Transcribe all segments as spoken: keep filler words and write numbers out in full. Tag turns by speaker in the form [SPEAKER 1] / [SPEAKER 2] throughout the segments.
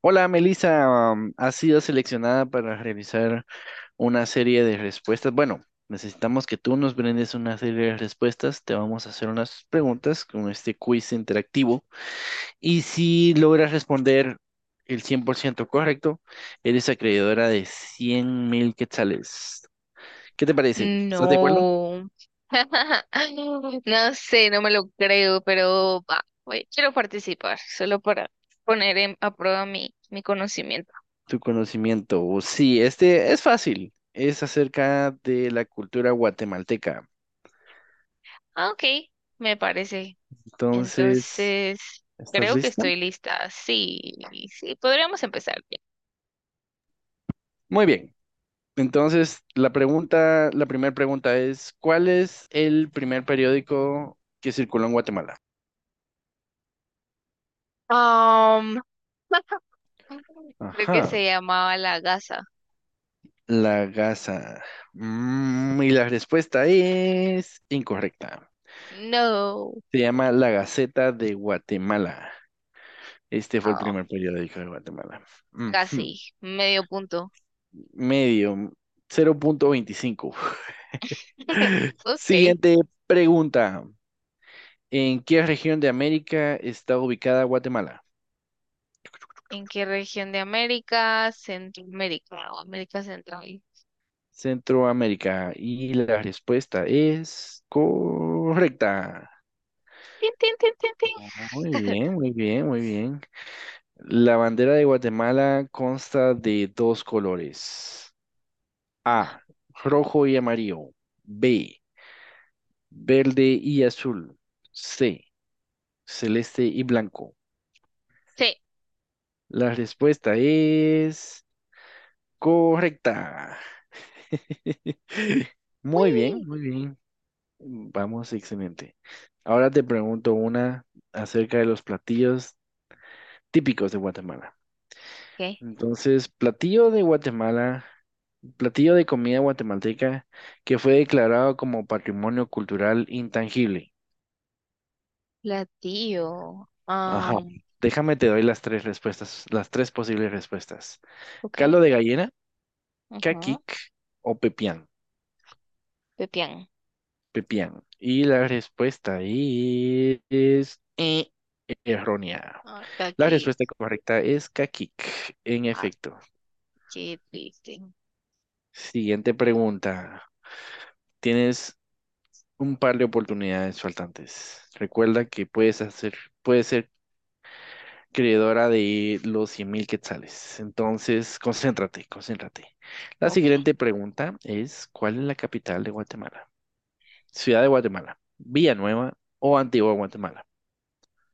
[SPEAKER 1] Hola, Melissa, um, has sido seleccionada para realizar una serie de respuestas. Bueno, necesitamos que tú nos brindes una serie de respuestas. Te vamos a hacer unas preguntas con este quiz interactivo. Y si logras responder el cien por ciento correcto, eres acreedora de cien mil quetzales. ¿Qué te parece? ¿Estás de acuerdo?
[SPEAKER 2] No. No sé, no me lo creo, pero va, voy- quiero participar, solo para poner en- a prueba mi, mi conocimiento.
[SPEAKER 1] Tu conocimiento. Sí, este es fácil. Es acerca de la cultura guatemalteca.
[SPEAKER 2] Ah, ok, me parece.
[SPEAKER 1] Entonces,
[SPEAKER 2] Entonces,
[SPEAKER 1] ¿estás
[SPEAKER 2] creo que
[SPEAKER 1] lista?
[SPEAKER 2] estoy lista. Sí, sí, podríamos empezar bien.
[SPEAKER 1] Muy bien. Entonces, la pregunta, la primera pregunta es, ¿cuál es el primer periódico que circuló en Guatemala?
[SPEAKER 2] Am, creo que
[SPEAKER 1] Ajá,
[SPEAKER 2] se llamaba la gasa.
[SPEAKER 1] La Gaza. Mm, y la respuesta es incorrecta.
[SPEAKER 2] No.
[SPEAKER 1] Se llama La Gaceta de Guatemala. Este fue el
[SPEAKER 2] Ah,
[SPEAKER 1] primer periódico de Guatemala.
[SPEAKER 2] casi,
[SPEAKER 1] Ujú.
[SPEAKER 2] medio punto.
[SPEAKER 1] Medio, cero punto veinticinco.
[SPEAKER 2] Ok.
[SPEAKER 1] Siguiente pregunta. ¿En qué región de América está ubicada Guatemala?
[SPEAKER 2] ¿En qué región de América? Centroamérica o América Central.
[SPEAKER 1] Centroamérica. Y la respuesta es correcta.
[SPEAKER 2] Tin, tin, tin, tin, tin.
[SPEAKER 1] Muy bien, muy bien, muy bien. La bandera de Guatemala consta de dos colores. A, rojo y amarillo. B, verde y azul. C, celeste y blanco.
[SPEAKER 2] Sí.
[SPEAKER 1] La respuesta es correcta. Muy bien,
[SPEAKER 2] Uy.
[SPEAKER 1] muy bien. Mm, Vamos, excelente. Ahora te pregunto una acerca de los platillos típicos de Guatemala.
[SPEAKER 2] ¿Qué?
[SPEAKER 1] Entonces, platillo de Guatemala, platillo de comida guatemalteca que fue declarado como patrimonio cultural intangible.
[SPEAKER 2] Platillo.
[SPEAKER 1] Ajá.
[SPEAKER 2] Um,
[SPEAKER 1] Déjame te doy las tres respuestas, las tres posibles respuestas.
[SPEAKER 2] ok.
[SPEAKER 1] Caldo de gallina,
[SPEAKER 2] Ujú.
[SPEAKER 1] caquic o pepián.
[SPEAKER 2] Pepián.
[SPEAKER 1] Pepián. Y la respuesta es... Errónea.
[SPEAKER 2] Ah, está
[SPEAKER 1] La
[SPEAKER 2] aquí.
[SPEAKER 1] respuesta correcta es Kakik. En
[SPEAKER 2] Ah,
[SPEAKER 1] efecto.
[SPEAKER 2] qué triste.
[SPEAKER 1] Siguiente pregunta. Tienes un par de oportunidades faltantes. Recuerda que puedes hacer, puedes ser creadora de los 100 mil quetzales. Entonces, concéntrate, concéntrate. La
[SPEAKER 2] Ok.
[SPEAKER 1] siguiente pregunta es, ¿cuál es la capital de Guatemala? Ciudad de Guatemala, Villanueva o Antigua Guatemala.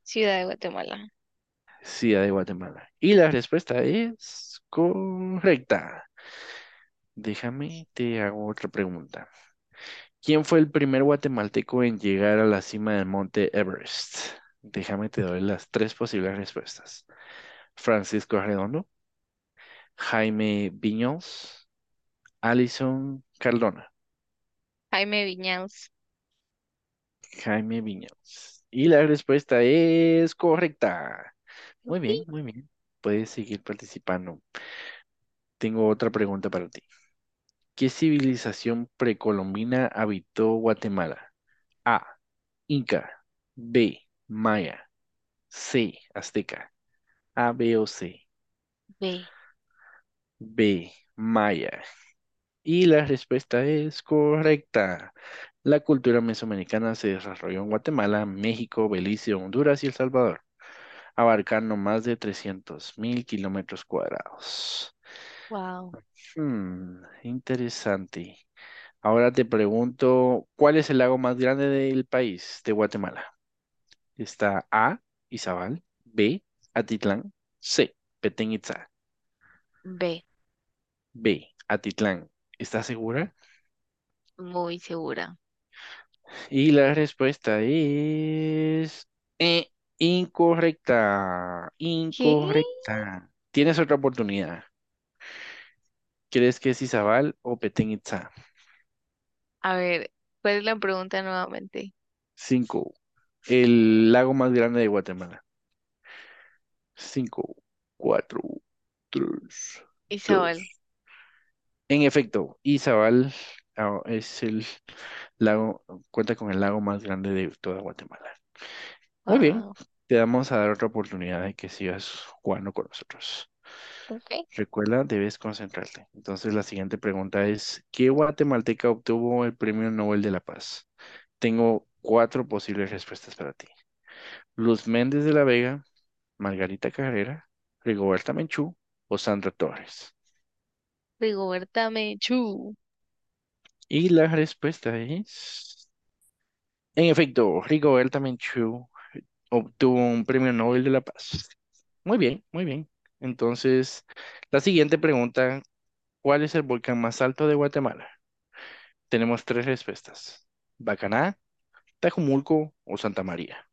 [SPEAKER 2] Ciudad de Guatemala.
[SPEAKER 1] Ciudad de Guatemala. Y la respuesta es correcta. Déjame, te hago otra pregunta. ¿Quién fue el primer guatemalteco en llegar a la cima del monte Everest? Déjame, te doy las tres posibles respuestas. Francisco Redondo, Jaime Viñols, Alison Cardona.
[SPEAKER 2] Jaime Viñals.
[SPEAKER 1] Jaime Viñols. Y la respuesta es correcta. Muy
[SPEAKER 2] Upi.
[SPEAKER 1] bien, muy bien. Puedes seguir participando. Tengo otra pregunta para ti. ¿Qué civilización precolombina habitó Guatemala? A. Inca. B. Maya. C, azteca. A, B o C.
[SPEAKER 2] B.
[SPEAKER 1] B, maya. Y la respuesta es correcta. La cultura mesoamericana se desarrolló en Guatemala, México, Belice, Honduras y El Salvador, abarcando más de trescientos mil kilómetros cuadrados.
[SPEAKER 2] Wow.
[SPEAKER 1] Hmm, interesante. Ahora te pregunto, ¿cuál es el lago más grande del país, de Guatemala? Está A, Izabal, B, Atitlán, C, Petén Itzá.
[SPEAKER 2] B.
[SPEAKER 1] B, Atitlán. ¿Estás segura?
[SPEAKER 2] Muy segura.
[SPEAKER 1] Y la respuesta es eh, incorrecta,
[SPEAKER 2] ¿Qué?
[SPEAKER 1] incorrecta. Tienes otra oportunidad. ¿Crees que es Izabal o Petén Itzá?
[SPEAKER 2] A ver, ¿cuál es la pregunta nuevamente?
[SPEAKER 1] Cinco. El lago más grande de Guatemala. Cinco, cuatro, tres,
[SPEAKER 2] Isabel.
[SPEAKER 1] dos. En efecto, Izabal ah, es el lago, cuenta con el lago más grande de toda Guatemala. Muy bien,
[SPEAKER 2] Wow.
[SPEAKER 1] te vamos a dar otra oportunidad de que sigas jugando con nosotros.
[SPEAKER 2] Ok.
[SPEAKER 1] Recuerda, debes concentrarte. Entonces, la siguiente pregunta es, ¿qué guatemalteca obtuvo el Premio Nobel de la Paz? Tengo cuatro posibles respuestas para ti. Luz Méndez de la Vega, Margarita Carrera, Rigoberta Menchú o Sandra Torres.
[SPEAKER 2] Rigoberta Menchú.
[SPEAKER 1] Y la respuesta es, en efecto, Rigoberta Menchú obtuvo un premio Nobel de la Paz. Muy bien, muy bien. Entonces, la siguiente pregunta, ¿cuál es el volcán más alto de Guatemala? Tenemos tres respuestas, Bacaná, Tajumulco o Santa María.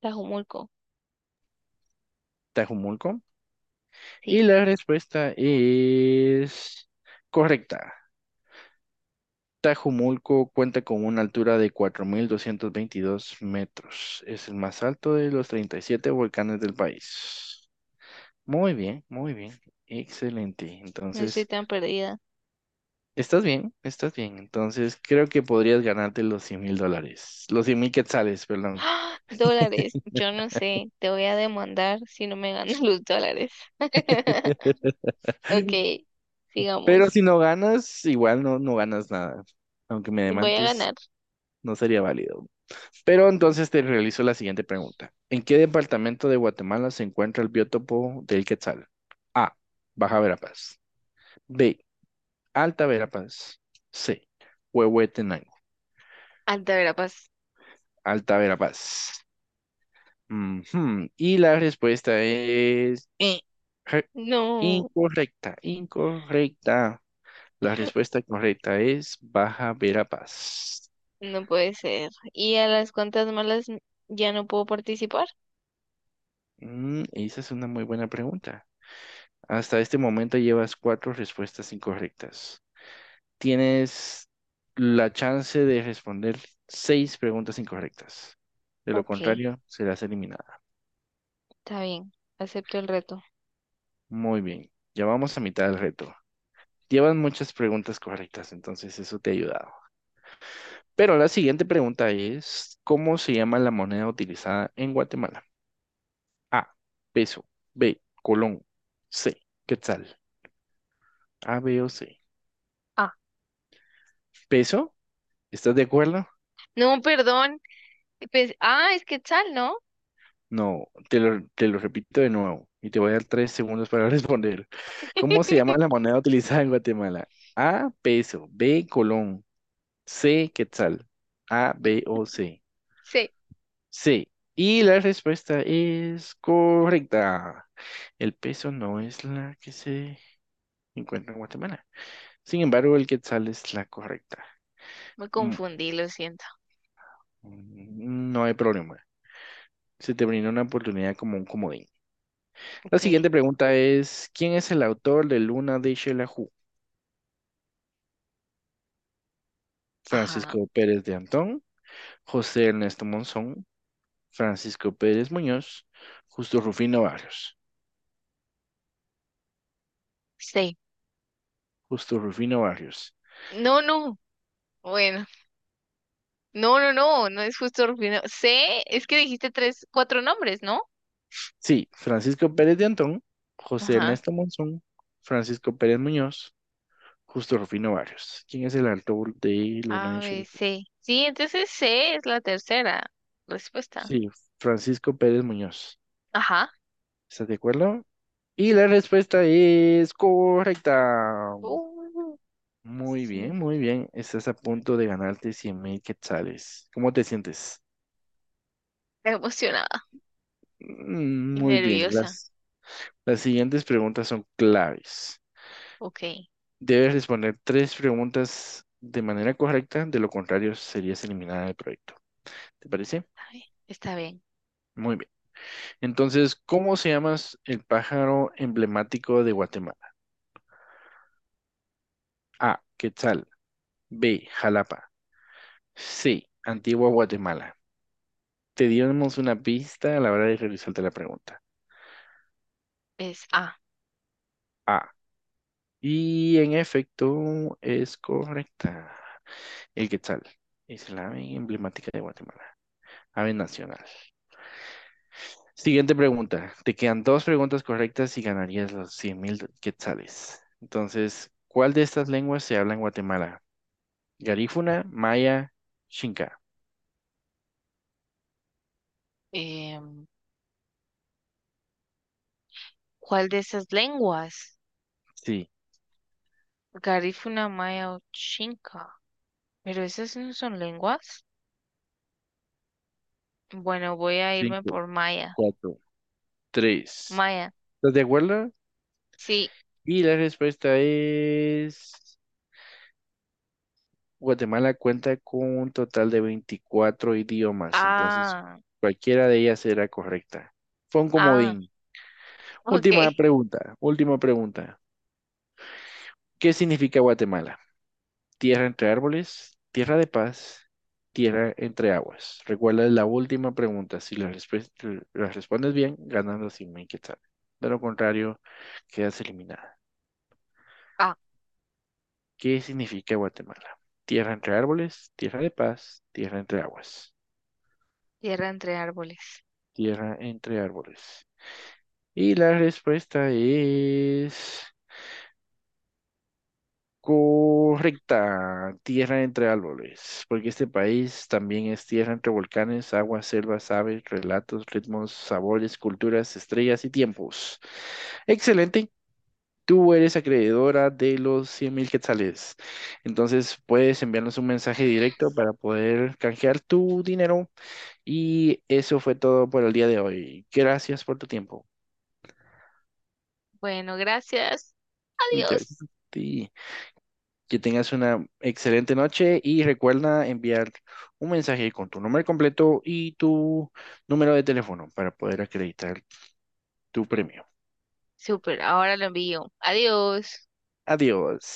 [SPEAKER 2] Tajumulco,
[SPEAKER 1] Tajumulco.
[SPEAKER 2] sí,
[SPEAKER 1] Y la respuesta es correcta. Tajumulco cuenta con una altura de cuatro mil doscientos veintidós metros. Es el más alto de los treinta y siete volcanes del país. Muy bien, muy bien. Excelente.
[SPEAKER 2] no estoy
[SPEAKER 1] Entonces,
[SPEAKER 2] tan perdida.
[SPEAKER 1] estás bien, estás bien. Entonces creo que podrías ganarte los cien mil dólares, los cien mil quetzales, perdón.
[SPEAKER 2] ¡Ah! Dólares, yo no sé, te voy a demandar si no me ganas los dólares. Ok,
[SPEAKER 1] Pero
[SPEAKER 2] sigamos.
[SPEAKER 1] si no ganas, igual no, no ganas nada. Aunque me
[SPEAKER 2] Voy a
[SPEAKER 1] demandes,
[SPEAKER 2] ganar.
[SPEAKER 1] no sería válido. Pero entonces te realizo la siguiente pregunta. ¿En qué departamento de Guatemala se encuentra el biótopo del quetzal? A. Baja Verapaz. B. Alta Verapaz. C. Huehuetenango.
[SPEAKER 2] Altaverapaz.
[SPEAKER 1] Alta Verapaz. Ujú. Y la respuesta es eh, re-
[SPEAKER 2] No,
[SPEAKER 1] incorrecta, incorrecta. La respuesta correcta es Baja Verapaz.
[SPEAKER 2] no puede ser. ¿Y a las cuantas malas n- ya no puedo participar?
[SPEAKER 1] Mm, esa es una muy buena pregunta. Hasta este momento llevas cuatro respuestas incorrectas. Tienes la chance de responder seis preguntas incorrectas. De lo
[SPEAKER 2] Ok,
[SPEAKER 1] contrario, serás eliminada.
[SPEAKER 2] está bien, acepto el reto.
[SPEAKER 1] Muy bien, ya vamos a mitad del reto. Llevan muchas preguntas correctas, entonces eso te ha ayudado. Pero la siguiente pregunta es, ¿cómo se llama la moneda utilizada en Guatemala? A, peso, B, colón, C, quetzal, A, B o C.
[SPEAKER 2] Ah,
[SPEAKER 1] ¿Peso? ¿Estás de acuerdo?
[SPEAKER 2] no, perdón. Pues- ah, es Quetzal, ¿no?
[SPEAKER 1] No, te lo, te lo repito de nuevo y te voy a dar tres segundos para responder. ¿Cómo se llama la moneda utilizada en Guatemala? A, peso, B, colón, C, quetzal, A, B o C.
[SPEAKER 2] Sí,
[SPEAKER 1] C. Y la respuesta es correcta. El peso no es la que se encuentra en Guatemala. Sin embargo, el quetzal es la correcta.
[SPEAKER 2] me
[SPEAKER 1] Mm,
[SPEAKER 2] confundí, lo siento.
[SPEAKER 1] mm, No hay problema. Se te brinda una oportunidad como un comodín. La
[SPEAKER 2] Ok,
[SPEAKER 1] siguiente pregunta es, ¿quién es el autor de Luna de Xelajú?
[SPEAKER 2] ajá,
[SPEAKER 1] Francisco Pérez de Antón, José Ernesto Monzón, Francisco Pérez Muñoz, Justo Rufino Barrios.
[SPEAKER 2] sí.
[SPEAKER 1] Justo Rufino Barrios.
[SPEAKER 2] No, no. Bueno, no, no, no, no es justo Rufino. C, es que dijiste tres, cuatro nombres, ¿no?
[SPEAKER 1] Sí, Francisco Pérez de Antón, José
[SPEAKER 2] Ajá.
[SPEAKER 1] Ernesto Monzón, Francisco Pérez Muñoz, Justo Rufino Barrios. ¿Quién es el autor de Luna
[SPEAKER 2] A,
[SPEAKER 1] de
[SPEAKER 2] B,
[SPEAKER 1] Xelajú?
[SPEAKER 2] C. Sí, entonces C es la tercera respuesta.
[SPEAKER 1] Sí, Francisco Pérez Muñoz.
[SPEAKER 2] Ajá.
[SPEAKER 1] ¿Estás de acuerdo? Y la respuesta es correcta.
[SPEAKER 2] Uh,
[SPEAKER 1] Muy
[SPEAKER 2] sí.
[SPEAKER 1] bien, muy bien. Estás a punto de ganarte 100 mil quetzales. ¿Cómo te sientes?
[SPEAKER 2] Emocionada
[SPEAKER 1] Mm,
[SPEAKER 2] y
[SPEAKER 1] Muy bien.
[SPEAKER 2] nerviosa.
[SPEAKER 1] Las, las siguientes preguntas son claves.
[SPEAKER 2] Ok, está
[SPEAKER 1] Debes responder tres preguntas de manera correcta, de lo contrario serías eliminada del proyecto. ¿Te parece?
[SPEAKER 2] bien. Está bien.
[SPEAKER 1] Muy bien. Entonces, ¿cómo se llama el pájaro emblemático de Guatemala? A. Quetzal. B. Jalapa. Sí, Antigua Guatemala. Te dimos una pista a la hora de realizarte la pregunta.
[SPEAKER 2] Es A.
[SPEAKER 1] Ah, y en efecto es correcta. El Quetzal es la ave emblemática de Guatemala, ave nacional. Siguiente pregunta. Te quedan dos preguntas correctas y ganarías los cien mil quetzales. Entonces, ¿cuál de estas lenguas se habla en Guatemala? Garífuna, Maya, Xinca.
[SPEAKER 2] Em, ¿cuál de esas lenguas?
[SPEAKER 1] Sí,
[SPEAKER 2] Garífuna maya o chinca. Pero esas no son lenguas. Bueno, voy a irme
[SPEAKER 1] cinco,
[SPEAKER 2] por maya.
[SPEAKER 1] cuatro, tres.
[SPEAKER 2] Maya.
[SPEAKER 1] ¿Estás de acuerdo?
[SPEAKER 2] Sí.
[SPEAKER 1] Y la respuesta es, Guatemala cuenta con un total de veinticuatro idiomas, entonces
[SPEAKER 2] Ah,
[SPEAKER 1] cualquiera de ellas será correcta. Fue un
[SPEAKER 2] ah.
[SPEAKER 1] comodín.
[SPEAKER 2] Ok.
[SPEAKER 1] Última pregunta, última pregunta. ¿Qué significa Guatemala? Tierra entre árboles, tierra de paz, tierra entre aguas. Recuerda la última pregunta. Si la, respe- la respondes bien, ganas 100 mil quetzales. De lo contrario, quedas eliminada.
[SPEAKER 2] Ah,
[SPEAKER 1] ¿Qué significa Guatemala? Tierra entre árboles, tierra de paz, tierra entre aguas,
[SPEAKER 2] tierra entre árboles.
[SPEAKER 1] tierra entre árboles. Y la respuesta es correcta, tierra entre árboles, porque este país también es tierra entre volcanes, aguas, selvas, aves, relatos, ritmos, sabores, culturas, estrellas y tiempos. Excelente. Tú eres acreedora de los 100 mil quetzales. Entonces puedes enviarnos un mensaje directo para poder canjear tu dinero. Y eso fue todo por el día de hoy. Gracias por tu tiempo.
[SPEAKER 2] Bueno, gracias. Adiós.
[SPEAKER 1] Gracias a ti. Que tengas una excelente noche y recuerda enviar un mensaje con tu nombre completo y tu número de teléfono para poder acreditar tu premio.
[SPEAKER 2] Super, ahora lo envío. Adiós.
[SPEAKER 1] Adiós.